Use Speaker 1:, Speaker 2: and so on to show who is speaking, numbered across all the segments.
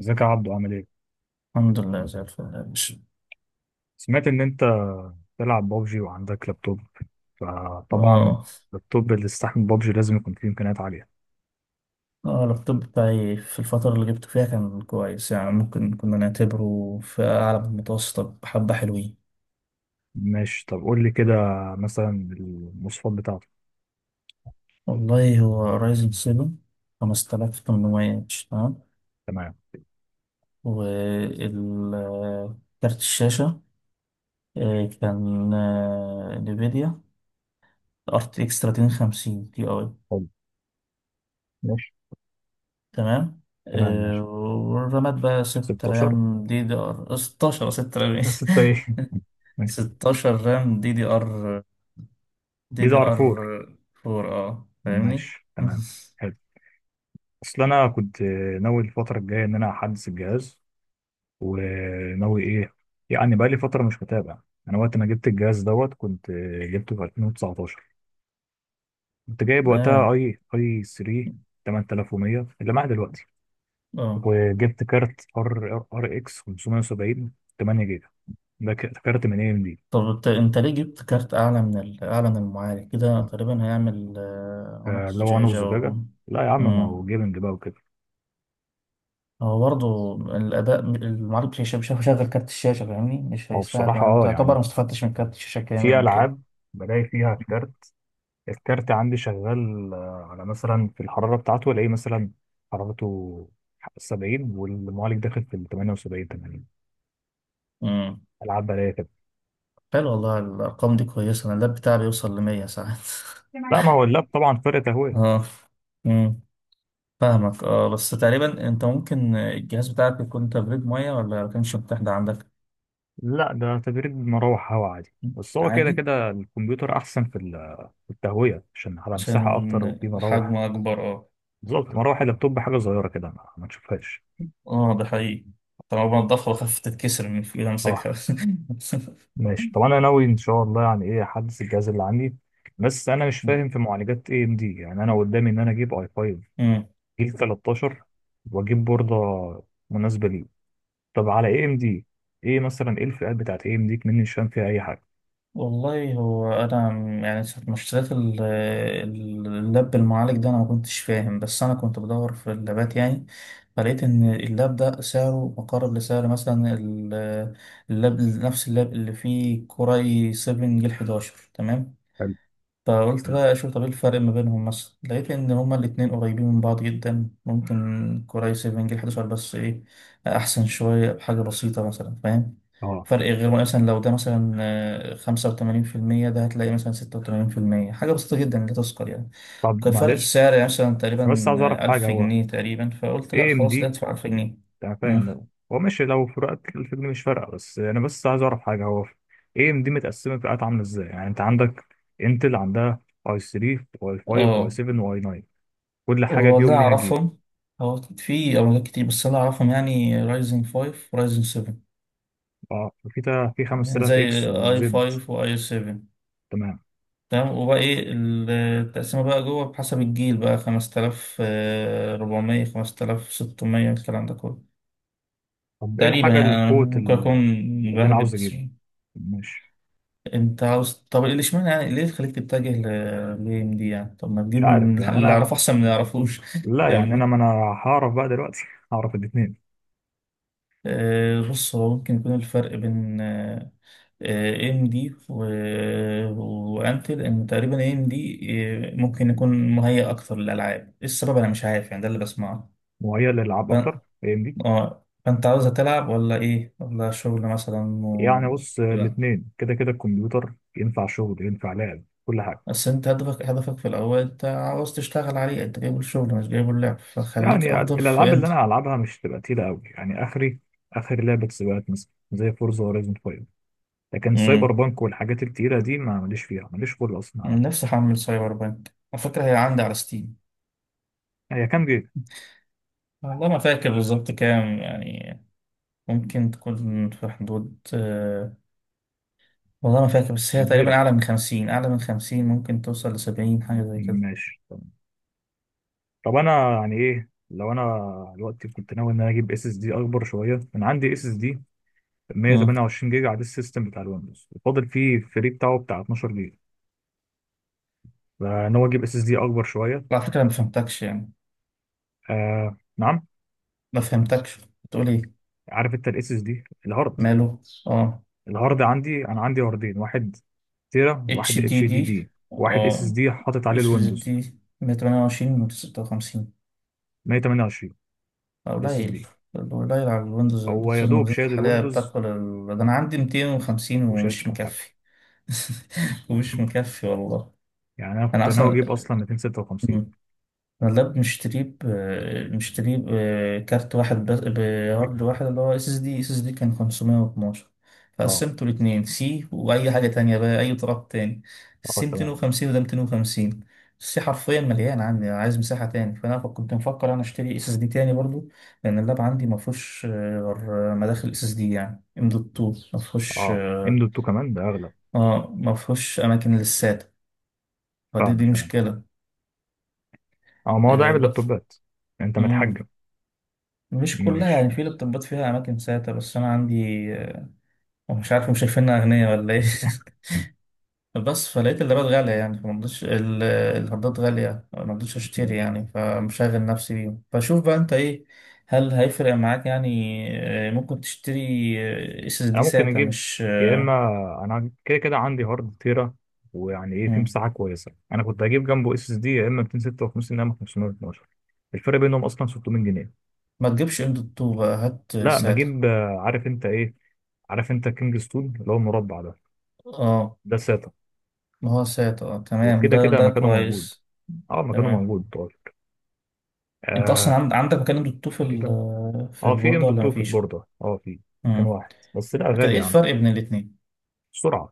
Speaker 1: ازيك يا عبدو، عامل ايه؟
Speaker 2: الحمد لله زي الفل يا باشا.
Speaker 1: سمعت ان انت بتلعب بابجي وعندك لابتوب، فطبعا
Speaker 2: اه.
Speaker 1: اللابتوب اللي يستحمل بابجي لازم يكون فيه امكانيات عالية.
Speaker 2: اه، اللابتوب بتاعي في الفترة اللي جبته فيها كان كويس، يعني ممكن كنا نعتبره في أعلى من المتوسطة بحبة، حلوين.
Speaker 1: ماشي. طب قول لي كده، مثلا المواصفات بتاعته.
Speaker 2: والله هو رايزن 7 5800 اتش، تمام.
Speaker 1: تمام.
Speaker 2: وكارت الشاشة كان نفيديا ار تي اكس 3050 تي اي.
Speaker 1: حلو. ماشي.
Speaker 2: تمام.
Speaker 1: تمام. ماشي.
Speaker 2: والرامات بقى 6
Speaker 1: 16؟
Speaker 2: رام دي دي ار 16، ولا 6 رام، ايه؟
Speaker 1: 6 ايه؟ ماشي.
Speaker 2: 16 رام دي دي ار، دي
Speaker 1: جيزة
Speaker 2: دي
Speaker 1: ار
Speaker 2: ار
Speaker 1: 4.
Speaker 2: 4، اه فاهمني.
Speaker 1: ماشي. تمام. حلو. اصل انا كنت ناوي الفترة الجاية ان انا احدث الجهاز، وناوي ايه، يعني بقالي فترة مش متابع. انا وقت ما جبت الجهاز دوت كنت جبته في 2019. كنت جايب وقتها
Speaker 2: اه.
Speaker 1: اي 3 8100 اللي معايا دلوقتي.
Speaker 2: اه،
Speaker 1: وجبت كارت ار اكس 570، 8 جيجا. ده كارت من اي ام دي.
Speaker 2: طب انت ليه جبت كارت اعلى من المعالج؟ كده تقريبا هيعمل عنق
Speaker 1: اللي هو انا
Speaker 2: زجاجة
Speaker 1: والزجاجه؟
Speaker 2: و...
Speaker 1: لا يا عم، ما هو
Speaker 2: مم.
Speaker 1: جيمنج بقى وكده.
Speaker 2: هو برضه الأداء، المعالج مش هيشغل كارت الشاشة، فاهمني؟ مش
Speaker 1: هو
Speaker 2: هيساعد
Speaker 1: بصراحه،
Speaker 2: يعني، أنت تعتبر
Speaker 1: يعني
Speaker 2: ما استفدتش من كارت الشاشة
Speaker 1: في
Speaker 2: كاملا كده.
Speaker 1: العاب بلاقي فيها كارت، الكارت عندي شغال على مثلا، في الحراره بتاعته الاقي مثلا حرارته 70، والمعالج داخل في ال 78، 80.
Speaker 2: مم.
Speaker 1: العاب بلاقي كده.
Speaker 2: حلو والله، الأرقام دي كويسة. أنا اللاب بتاعي بيوصل لمية ساعات.
Speaker 1: لا، ما هو اللاب طبعا فرق تهويه.
Speaker 2: اه فاهمك، اه بس تقريبا انت ممكن الجهاز بتاعك يكون تبريد ميه، ولا ما كانش متاح ده عندك؟
Speaker 1: لا، ده تبريد مراوح هوا عادي، بس هو كده
Speaker 2: عادي،
Speaker 1: كده الكمبيوتر احسن في في التهويه، عشان على مساحه اكتر
Speaker 2: عشان
Speaker 1: وفي مراوح.
Speaker 2: حجمه اكبر اه.
Speaker 1: بالظبط، مراوح اللابتوب حاجه صغيره كده ما تشوفهاش.
Speaker 2: اه ده حقيقي، طالما بنضفها وخفت تتكسر من في ايد
Speaker 1: اه.
Speaker 2: امسكها.
Speaker 1: ماشي. طب انا ناوي ان شاء الله يعني ايه احدث الجهاز اللي عندي، بس انا مش فاهم في معالجات اي ام دي. يعني انا قدامي ان انا اجيب اي 5
Speaker 2: أمم.
Speaker 1: جيل 13، واجيب بورده مناسبه ليه. طب على اي ام دي، ايه مثلا الفئات بتاعت اي ام دي؟ مني مش فاهم فيها اي حاجه.
Speaker 2: والله هو يعني ساعة ما اشتريت اللاب، المعالج ده أنا ما كنتش فاهم، بس أنا كنت بدور في اللابات يعني. فلقيت إن اللاب ده سعره مقارب لسعر مثلا اللاب، نفس اللاب اللي فيه كوراي 7 جيل 11، تمام.
Speaker 1: حلو.
Speaker 2: فقلت بقى اشوف طب ايه الفرق ما بينهم، مثلا لقيت ان هما الاتنين قريبين من بعض جدا، ممكن كوراي 7 جيل 11 بس ايه، احسن شوية بحاجة بسيطة مثلا، فاهم؟
Speaker 1: اه.
Speaker 2: فرق غير، مثلا لو ده مثلا خمسة وتمانين في المية، ده هتلاقي مثلا ستة وتمانين في المية، حاجة بسيطة جدا لا تذكر يعني.
Speaker 1: طب
Speaker 2: كان فرق
Speaker 1: معلش،
Speaker 2: السعر يعني مثلا
Speaker 1: انا بس
Speaker 2: تقريبا
Speaker 1: عايز اعرف حاجه.
Speaker 2: ألف
Speaker 1: هو
Speaker 2: جنيه تقريبا، فقلت
Speaker 1: اي
Speaker 2: لأ
Speaker 1: ام دي،
Speaker 2: خلاص لا أدفع ألف جنيه.
Speaker 1: أنا
Speaker 2: مم.
Speaker 1: فاهم هو ماشي لو فروقات الفجن مش فارقة، بس أنا بس عايز أعرف حاجة. هو إيه، ام دي متقسمة فئات عاملة إزاي؟ يعني أنت عندك انتل عندها اي 3 واي 5 واي
Speaker 2: اه،
Speaker 1: 7 واي 9، كل حاجة
Speaker 2: هو اللي أنا
Speaker 1: فيهم ليها جيل.
Speaker 2: أعرفهم، هو في أولاد كتير بس أنا أعرفهم يعني رايزن فايف ورايزن سيفن،
Speaker 1: اه، في في 5000
Speaker 2: زي
Speaker 1: اكس
Speaker 2: اي
Speaker 1: وزد.
Speaker 2: 5 واي 7.
Speaker 1: تمام.
Speaker 2: تمام. وبقى ايه التقسيمه بقى جوه بحسب الجيل، بقى 5400 5600 الكلام ده كله.
Speaker 1: طب إيه
Speaker 2: تقريبا
Speaker 1: الحاجة
Speaker 2: يعني،
Speaker 1: اللي في
Speaker 2: أنا
Speaker 1: قوة
Speaker 2: ممكن اكون
Speaker 1: اللي أنا
Speaker 2: بهبد
Speaker 1: عاوز
Speaker 2: بس.
Speaker 1: أجيبه؟ مش
Speaker 2: انت عاوز، طب اللي اشمعنى يعني، ليه اللي خليك تتجه ل ام دي يعني؟ طب ما
Speaker 1: مش
Speaker 2: تجيب
Speaker 1: عارف،
Speaker 2: من
Speaker 1: يعني
Speaker 2: اللي
Speaker 1: أنا،
Speaker 2: اعرفه احسن من اللي ما يعرفوش.
Speaker 1: لا يعني أنا، ما أنا هعرف بقى دلوقتي. هعرف الاتنين.
Speaker 2: بص، هو ممكن يكون الفرق بين ام دي وانتل ان تقريبا ام دي ممكن يكون مهيأ اكتر للالعاب. ايه السبب؟ انا مش عارف يعني، ده اللي بسمعه.
Speaker 1: وهي اللي ألعب
Speaker 2: ف...
Speaker 1: أكتر، فاهمني؟
Speaker 2: اه، فانت عاوز تلعب ولا ايه، ولا شغل مثلا
Speaker 1: يعني
Speaker 2: و...
Speaker 1: بص،
Speaker 2: كده.
Speaker 1: الاتنين كده كده الكمبيوتر ينفع شغل ينفع لعب، كل حاجة.
Speaker 2: بس انت هدفك، هدفك في الاول، انت عاوز تشتغل عليه، انت جايبه الشغل مش جايبه اللعب، فخليك
Speaker 1: يعني
Speaker 2: افضل
Speaker 1: الالعاب
Speaker 2: في
Speaker 1: اللي
Speaker 2: انتل.
Speaker 1: انا هلعبها مش تبقى تقيله قوي، يعني اخر لعبه سباقات مثلا زي فورزا هورايزون 5، لكن سايبر
Speaker 2: امم.
Speaker 1: بانك والحاجات التقيله دي ما ماليش فيها، ماليش خلق اصلا العبها.
Speaker 2: نفسي احمل سايبر بانك على فكره، هي عندي على ستيم.
Speaker 1: هي كام جيجا؟
Speaker 2: والله ما فاكر بالظبط كام يعني، ممكن تكون في حدود والله ما فاكر، بس هي تقريبا
Speaker 1: كبيره.
Speaker 2: أعلى من خمسين، أعلى من خمسين، ممكن توصل لسبعين، حاجة زي كده.
Speaker 1: ماشي. تمام. طب انا يعني ايه لو انا دلوقتي كنت ناوي ان انا اجيب اس اس دي اكبر شويه. انا عندي اس اس دي
Speaker 2: مم.
Speaker 1: 128 جيجا على السيستم بتاع الويندوز، وفاضل فيه الفري بتاعه بتاع 12 جيجا. فانا هو اجيب اس اس دي اكبر شويه.
Speaker 2: على فكرة أنا مفهمتكش يعني،
Speaker 1: آه، نعم.
Speaker 2: مفهمتكش، بتقول إيه؟
Speaker 1: عارف انت الاس اس دي؟ الهارد
Speaker 2: ماله؟ اه.
Speaker 1: الهارد عندي، انا عندي هاردين: واحد تيرا
Speaker 2: اتش
Speaker 1: واحد
Speaker 2: دي
Speaker 1: اتش دي
Speaker 2: دي.
Speaker 1: دي، واحد اس اس
Speaker 2: اه.
Speaker 1: دي حاطط عليه
Speaker 2: اس اس دي
Speaker 1: الويندوز.
Speaker 2: 128 من 56،
Speaker 1: 128 الاس اس
Speaker 2: قليل،
Speaker 1: دي.
Speaker 2: قليل على الويندوز اللي
Speaker 1: هو يا
Speaker 2: بتصير
Speaker 1: دوب
Speaker 2: بالذات
Speaker 1: شايل
Speaker 2: الحالية،
Speaker 1: الويندوز
Speaker 2: بتاكل ال... ده أنا عندي 250
Speaker 1: وشايل
Speaker 2: ومش
Speaker 1: كام حاجه.
Speaker 2: مكفي. ومش مكفي والله.
Speaker 1: يعني انا
Speaker 2: أنا
Speaker 1: كنت ناوي
Speaker 2: أصلا
Speaker 1: اجيب اصلا 256.
Speaker 2: أنا اللاب مشتريه بكارت واحد بس، بهارد واحد اللي هو اس اس دي، اس اس دي كان 512.
Speaker 1: اه.
Speaker 2: فقسمته لاتنين، سي وأي حاجة تانية بقى أي طراب تاني.
Speaker 1: اه،
Speaker 2: السي
Speaker 1: تمام.
Speaker 2: 250 وده 250. السي حرفيا مليان عندي، أنا عايز مساحة تاني، كنت مفكر أنا أشتري اس اس دي تاني برضو، لأن اللاب عندي مفهوش غير مداخل اس اس دي يعني ام دوت 2، مفهوش
Speaker 1: اه، ام
Speaker 2: اه.
Speaker 1: دوت 2 كمان ده اغلى.
Speaker 2: مفهوش أماكن للساتا، فدي
Speaker 1: فعلا،
Speaker 2: دي
Speaker 1: فعلا.
Speaker 2: مشكلة.
Speaker 1: اه، ما هو ده
Speaker 2: آه،
Speaker 1: عيب اللابتوبات، انت
Speaker 2: بقى،
Speaker 1: متحجم.
Speaker 2: مش كلها
Speaker 1: ماشي.
Speaker 2: يعني، في الطبات فيها أماكن ساتة، بس أنا عندي مش عارف، مش شايفيننا أغنياء ولا إيه؟ بس فلقيت اللابات غالية يعني، فمرضتش، الهاردات غالية، مرضتش أشتري
Speaker 1: ماشي.
Speaker 2: يعني، فمشغل نفسي بيهم. فشوف بقى أنت إيه، هل هيفرق معاك يعني، ممكن تشتري اس اس
Speaker 1: انا
Speaker 2: دي
Speaker 1: ممكن
Speaker 2: ساتا
Speaker 1: اجيب،
Speaker 2: مش
Speaker 1: يا اما انا كده كده عندي هارد تيرا، ويعني ايه، في
Speaker 2: مم.
Speaker 1: مساحه كويسه. انا كنت هجيب جنبه اس اس دي يا اما 256 يا اما 512. الفرق بينهم اصلا 600 جنيه.
Speaker 2: ما تجيبش ام دوت 2 بقى، هات
Speaker 1: لا،
Speaker 2: ساتا.
Speaker 1: بجيب، عارف انت ايه، عارف انت كينج ستون اللي هو المربع ده؟
Speaker 2: اه،
Speaker 1: ده ساتا.
Speaker 2: ما هو ساتا اه، تمام،
Speaker 1: وكده
Speaker 2: ده
Speaker 1: كده
Speaker 2: ده
Speaker 1: مكانه موجود.
Speaker 2: كويس.
Speaker 1: اه، مكانه
Speaker 2: تمام.
Speaker 1: موجود. طيب.
Speaker 2: انت اصلا
Speaker 1: آه.
Speaker 2: عندك مكان ام دوت 2 في
Speaker 1: تقريبا،
Speaker 2: في
Speaker 1: اه، في ام
Speaker 2: البوردة
Speaker 1: دوت
Speaker 2: ولا
Speaker 1: 2 في
Speaker 2: مفيش؟
Speaker 1: البورده، اه، في مكان واحد بس، لا
Speaker 2: كده
Speaker 1: غالي
Speaker 2: ايه
Speaker 1: يا عم.
Speaker 2: الفرق بين الاتنين؟
Speaker 1: سرعه.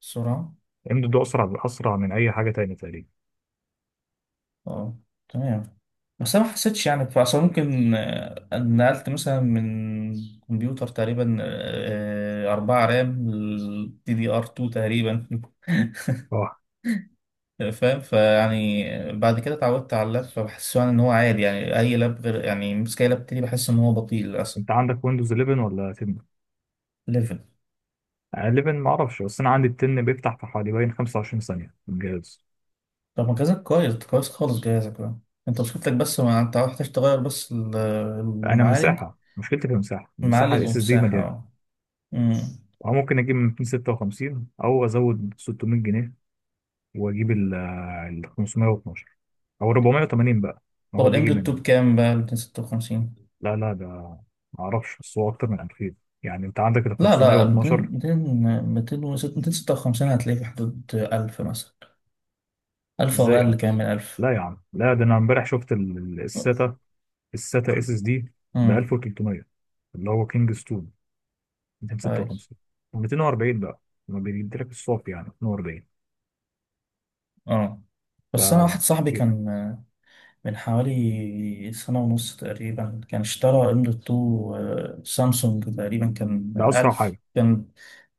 Speaker 2: السرعة.
Speaker 1: ام دوت 2 اسرع، اسرع من اي حاجه تانية تقريبا.
Speaker 2: اه تمام. بس انا ما حسيتش يعني، فأصلا ممكن نقلت مثلا من كمبيوتر تقريبا أربعة رام دي دي ار 2 تقريبا.
Speaker 1: اه.
Speaker 2: فاهم، فيعني بعد كده اتعودت على اللاب، فبحس يعني ان هو عادي، يعني اي لاب غير، يعني مسك اي لاب تاني بحس ان هو بطيء للاسف.
Speaker 1: انت عندك ويندوز 11 ولا 10؟
Speaker 2: ليفل.
Speaker 1: غالبا ما اعرفش، بس انا عندي التن بيفتح في حوالي، باين، 25 ثانيه من الجهاز.
Speaker 2: طب ما جهازك كويس، كويس خالص جهازك ده. انت مشكلتك بس، ما انت محتاج تغير بس
Speaker 1: انا
Speaker 2: المعالج.
Speaker 1: مساحه، مشكلتي في المساحه
Speaker 2: المعالج
Speaker 1: الاس اس دي
Speaker 2: ومساحة
Speaker 1: مليان،
Speaker 2: اه. أمم.
Speaker 1: او ممكن اجيب من 256، او ازود 600 جنيه واجيب ال 512 او 480 بقى،
Speaker 2: هو
Speaker 1: هو
Speaker 2: الام
Speaker 1: بيجي
Speaker 2: دي التوب
Speaker 1: منه.
Speaker 2: كام بقى، 256؟
Speaker 1: لا، لا، ده ما اعرفش، بس هو اكتر من 2000. يعني انت عندك ال
Speaker 2: لا لا 200،
Speaker 1: 512؟
Speaker 2: 200، 206، 256 هتلاقيه في حدود 1000 مثلا، 1000 او
Speaker 1: ازاي
Speaker 2: اقل،
Speaker 1: قل.
Speaker 2: كمان من 1000.
Speaker 1: لا يا عم، لا، ده انا امبارح شفت الساتا، الساتا اس اس دي، ب
Speaker 2: امم.
Speaker 1: 1300، اللي هو كينج ستون،
Speaker 2: كويس.
Speaker 1: 256. 240 بقى، ما بيديلك الصوت، يعني 240.
Speaker 2: اه
Speaker 1: ف
Speaker 2: بس انا واحد صاحبي
Speaker 1: يبقى
Speaker 2: كان من حوالي سنة ونص تقريبا، كان اشترى ام دوت 2 سامسونج، تقريبا كان
Speaker 1: ده اسرع
Speaker 2: 1000،
Speaker 1: حاجه.
Speaker 2: كان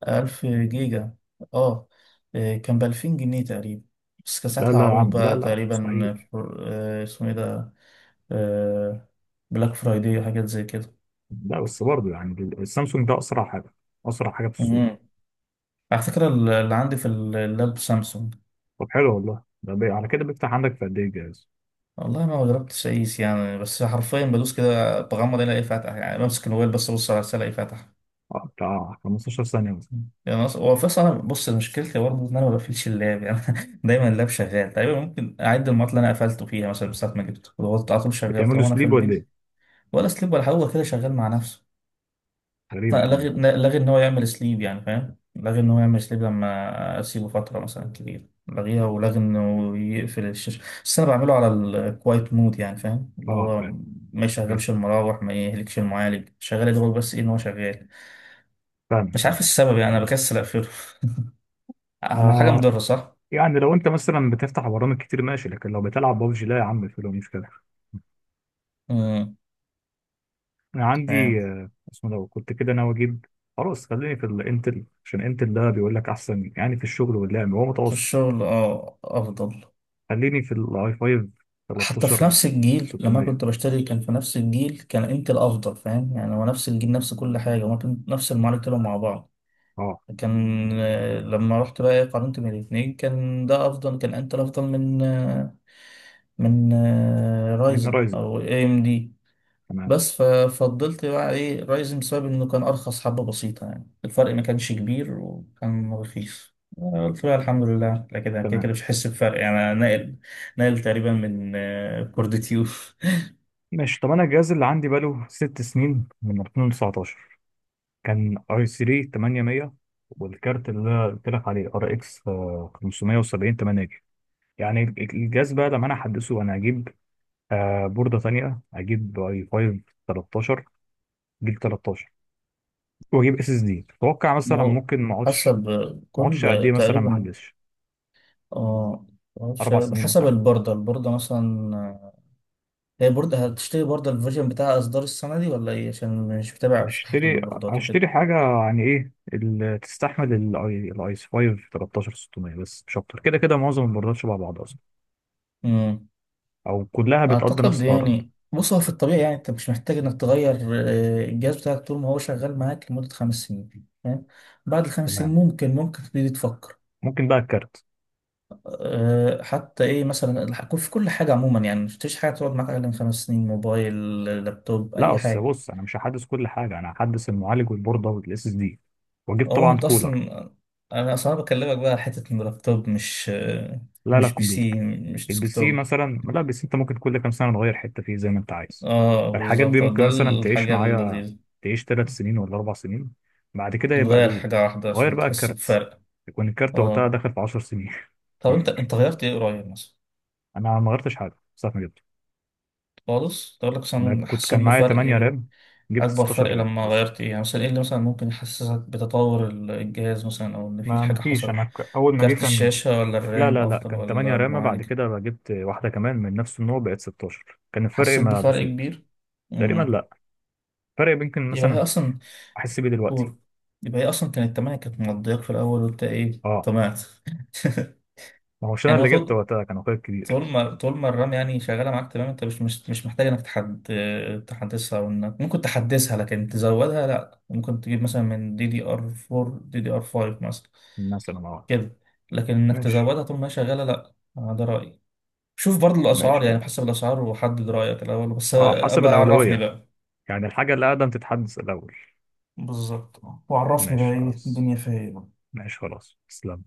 Speaker 2: 1000 جيجا اه. كان ب 2000 جنيه تقريبا، بس كان
Speaker 1: لا،
Speaker 2: ساعتها
Speaker 1: لا يا عم،
Speaker 2: عروض
Speaker 1: لا،
Speaker 2: بقى
Speaker 1: لا،
Speaker 2: تقريبا،
Speaker 1: مستحيل.
Speaker 2: اسمه ايه ده، بلاك فرايداي وحاجات زي كده.
Speaker 1: لا بس برضه يعني السامسونج ده اسرع حاجه، اسرع حاجه في السوق.
Speaker 2: مم. على فكرة اللي عندي في اللاب سامسونج.
Speaker 1: طب حلو والله. ده على كده بيفتح عندك في قد ايه الجهاز؟
Speaker 2: والله ما جربتش اقيس يعني، بس حرفيا بدوس كده بغمض الاقي فاتح، يعني بمسك الموبايل بس ابص على الرسالة الاقي فاتح،
Speaker 1: اه، بتاع 15 ثانيه مثلا؟
Speaker 2: يعني هو في اصلا بص مشكلتي برضه ان انا ما بقفلش اللاب يعني، دايما اللاب شغال، تقريبا ممكن اعد المعطل اللي انا قفلته فيها مثلا، من ساعة ما جبته وهو على طول شغال
Speaker 1: بتعمل له
Speaker 2: طالما انا في
Speaker 1: سليب ولا
Speaker 2: البيت.
Speaker 1: ايه؟
Speaker 2: ولا سليب ولا حاجة، هو كده شغال مع نفسه.
Speaker 1: غريبه يا عم
Speaker 2: فلغي
Speaker 1: ده.
Speaker 2: لغي ان هو يعمل سليب يعني، فاهم؟ لغي ان هو يعمل سليب لما اسيبه فتره مثلا كبيره، لغيها، ولغي انه يقفل الشاشه، بس انا بعمله على الكوايت مود يعني، فاهم؟ اللي
Speaker 1: اه،
Speaker 2: هو
Speaker 1: فاهم.
Speaker 2: ما
Speaker 1: فاهم.
Speaker 2: يشغلش المراوح، ما يهلكش المعالج، شغال يا دوبك، بس ايه، ان هو شغال.
Speaker 1: فاهم.
Speaker 2: مش عارف
Speaker 1: تمام.
Speaker 2: السبب يعني، انا بكسل اقفله. حاجه
Speaker 1: انا
Speaker 2: مضره صح.
Speaker 1: يعني، لو انت مثلا بتفتح برامج كتير ماشي، لكن لو بتلعب ببجي لا يا عم، في مشكله.
Speaker 2: امم.
Speaker 1: انا عندي،
Speaker 2: تمام.
Speaker 1: اسمه، لو كنت كده ناوي اجيب، خلاص خليني في الانتل، عشان انتل ده بيقول لك احسن يعني في الشغل، واللعب هو
Speaker 2: في
Speaker 1: متوسط.
Speaker 2: الشغل اه افضل.
Speaker 1: خليني في الاي 5
Speaker 2: حتى في
Speaker 1: 13
Speaker 2: نفس الجيل لما
Speaker 1: 600.
Speaker 2: كنت بشتري، كان في نفس الجيل كان انت الافضل، فاهم؟ يعني هو نفس الجيل، نفس كل حاجه، ممكن نفس المعالج، طلعوا مع بعض.
Speaker 1: اه،
Speaker 2: كان لما رحت بقى إيه، قارنت بين الاتنين، كان ده افضل، كان انتل افضل من
Speaker 1: من
Speaker 2: رايزن
Speaker 1: رايزن.
Speaker 2: او اي ام دي.
Speaker 1: تمام.
Speaker 2: بس ففضلت بقى ايه، رايزن بسبب انه كان ارخص حبة بسيطة يعني، الفرق ما كانش كبير وكان رخيص، قلت بقى الحمد لله لا، كده كده كده
Speaker 1: تمام.
Speaker 2: مش هحس بفرق، يعني انا ناقل، ناقل تقريبا من كور دي تيوف.
Speaker 1: ماشي. طب انا الجهاز اللي عندي بقاله 6 سنين من 2019. كان اي 3 800، والكارت اللي أنا قلت لك عليه ار اكس 570 8 جيجا. يعني الجهاز بقى لما انا احدثه انا هجيب بوردة تانية، هجيب اي 5 13 جيل 13، واجيب اس اس دي. اتوقع
Speaker 2: ما
Speaker 1: مثلا
Speaker 2: هو
Speaker 1: ممكن ما اقعدش
Speaker 2: حسب
Speaker 1: ما
Speaker 2: كل،
Speaker 1: اقعدش قد ايه، مثلا ما
Speaker 2: تقريبا
Speaker 1: احدثش
Speaker 2: اه، معرفش،
Speaker 1: 4 سنين
Speaker 2: بحسب
Speaker 1: مثلا.
Speaker 2: البوردة، البوردة مثلا هي برضه هتشتري برضه الفيرجن بتاعها، اصدار السنه دي ولا ايه؟ عشان مش متابع بصحه
Speaker 1: هشتري،
Speaker 2: البوردات وكده.
Speaker 1: حاجه يعني ايه اللي تستحمل الايس 5 13 600، بس مش اكتر، كده كده معظم البوردات شبه بعض اصلا،
Speaker 2: امم.
Speaker 1: او كلها بتقضي
Speaker 2: اعتقد
Speaker 1: نفس الغرض.
Speaker 2: يعني، بص هو في الطبيعي يعني، انت مش محتاج انك تغير الجهاز بتاعك طول ما هو شغال معاك لمده خمس سنين، فاهم؟ بعد الخمس سنين،
Speaker 1: تمام.
Speaker 2: ممكن تبتدي تفكر.
Speaker 1: ممكن بقى الكارت.
Speaker 2: أه، حتى ايه مثلا في كل حاجه عموما يعني، مش تشتريش حاجه تقعد معاك اقل من خمس سنين، موبايل، لابتوب،
Speaker 1: لا،
Speaker 2: اي
Speaker 1: اصل
Speaker 2: حاجه.
Speaker 1: بص، انا مش هحدث كل حاجه، انا هحدث المعالج والبورده والاس اس دي، واجيب
Speaker 2: اه
Speaker 1: طبعا
Speaker 2: انت اصلا،
Speaker 1: كولر.
Speaker 2: انا اصلا بكلمك بقى على حته ان اللابتوب مش
Speaker 1: لا، لا،
Speaker 2: مش بي
Speaker 1: كمبيوتر،
Speaker 2: سي، مش
Speaker 1: البي سي
Speaker 2: ديسكتوب.
Speaker 1: مثلا، لا، البي سي انت ممكن كل كام سنه نغير حته فيه زي ما انت عايز.
Speaker 2: اه
Speaker 1: فالحاجات دي
Speaker 2: بالظبط،
Speaker 1: ممكن
Speaker 2: ده
Speaker 1: مثلا تعيش
Speaker 2: الحاجة
Speaker 1: معايا
Speaker 2: اللذيذة.
Speaker 1: تعيش 3 سنين ولا 4 سنين، بعد كده يبقى
Speaker 2: تغير حاجة واحدة
Speaker 1: غير
Speaker 2: عشان
Speaker 1: بقى
Speaker 2: تحس
Speaker 1: الكارت،
Speaker 2: بفرق.
Speaker 1: يكون الكارت وقتها
Speaker 2: اه.
Speaker 1: داخل في 10 سنين.
Speaker 2: طب انت غيرت ايه قريب مثلا،
Speaker 1: انا ما غيرتش حاجه ساعه ما جبته.
Speaker 2: خالص، تقول لك
Speaker 1: انا
Speaker 2: مثلا
Speaker 1: كنت،
Speaker 2: حسيت
Speaker 1: كان معايا
Speaker 2: بفرق؟
Speaker 1: 8 رام، جبت
Speaker 2: اكبر
Speaker 1: 16
Speaker 2: فرق
Speaker 1: رام
Speaker 2: لما
Speaker 1: بس.
Speaker 2: غيرت ايه يعني؟ مثلا ايه اللي مثلا ممكن يحسسك بتطور الجهاز مثلا، او ان في
Speaker 1: ما
Speaker 2: حاجة
Speaker 1: فيش. انا
Speaker 2: حصلت؟
Speaker 1: اول ما جه
Speaker 2: كارت
Speaker 1: كان،
Speaker 2: الشاشة ولا
Speaker 1: لا،
Speaker 2: الرام
Speaker 1: لا، لا،
Speaker 2: افضل
Speaker 1: كان
Speaker 2: ولا
Speaker 1: 8 رام، بعد
Speaker 2: المعالج؟
Speaker 1: كده بقى جبت واحده كمان من نفس النوع، بقت 16. كان الفرق
Speaker 2: حسيت
Speaker 1: ما
Speaker 2: بفرق
Speaker 1: بسيط
Speaker 2: كبير؟
Speaker 1: تقريبا.
Speaker 2: امم.
Speaker 1: لا. فرق يمكن
Speaker 2: يبقى هي
Speaker 1: مثلا
Speaker 2: اصلا،
Speaker 1: احس بيه دلوقتي.
Speaker 2: قول. يبقى هي اصلا كانت تمام، كانت مضايقك في الاول وانت ايه،
Speaker 1: اه.
Speaker 2: طمعت.
Speaker 1: ما هوش انا
Speaker 2: يعني،
Speaker 1: اللي جبت، وقتها كان اخويا الكبير.
Speaker 2: طول ما الرام يعني شغاله معاك تمام، انت مش محتاج انك تحدثها او انك ممكن تحدثها لكن تزودها لا. ممكن تجيب مثلا من دي دي ار 4 دي دي ار 5 مثلا
Speaker 1: مثلا. اه.
Speaker 2: كده، لكن انك
Speaker 1: ماشي.
Speaker 2: تزودها طول ما هي شغاله لا. ده رايي. شوف برضو الاسعار
Speaker 1: ماشي.
Speaker 2: يعني،
Speaker 1: تمام.
Speaker 2: حسب الاسعار وحدد رايك الاول، بس
Speaker 1: اه، حسب
Speaker 2: ابقى عرفني
Speaker 1: الاولويه،
Speaker 2: بقى.
Speaker 1: يعني الحاجه اللي اقدم تتحدث الاول.
Speaker 2: بالظبط. وعرفني بقى
Speaker 1: ماشي،
Speaker 2: ايه
Speaker 1: خلاص.
Speaker 2: الدنيا فيها ايه.
Speaker 1: ماشي، خلاص. تسلم.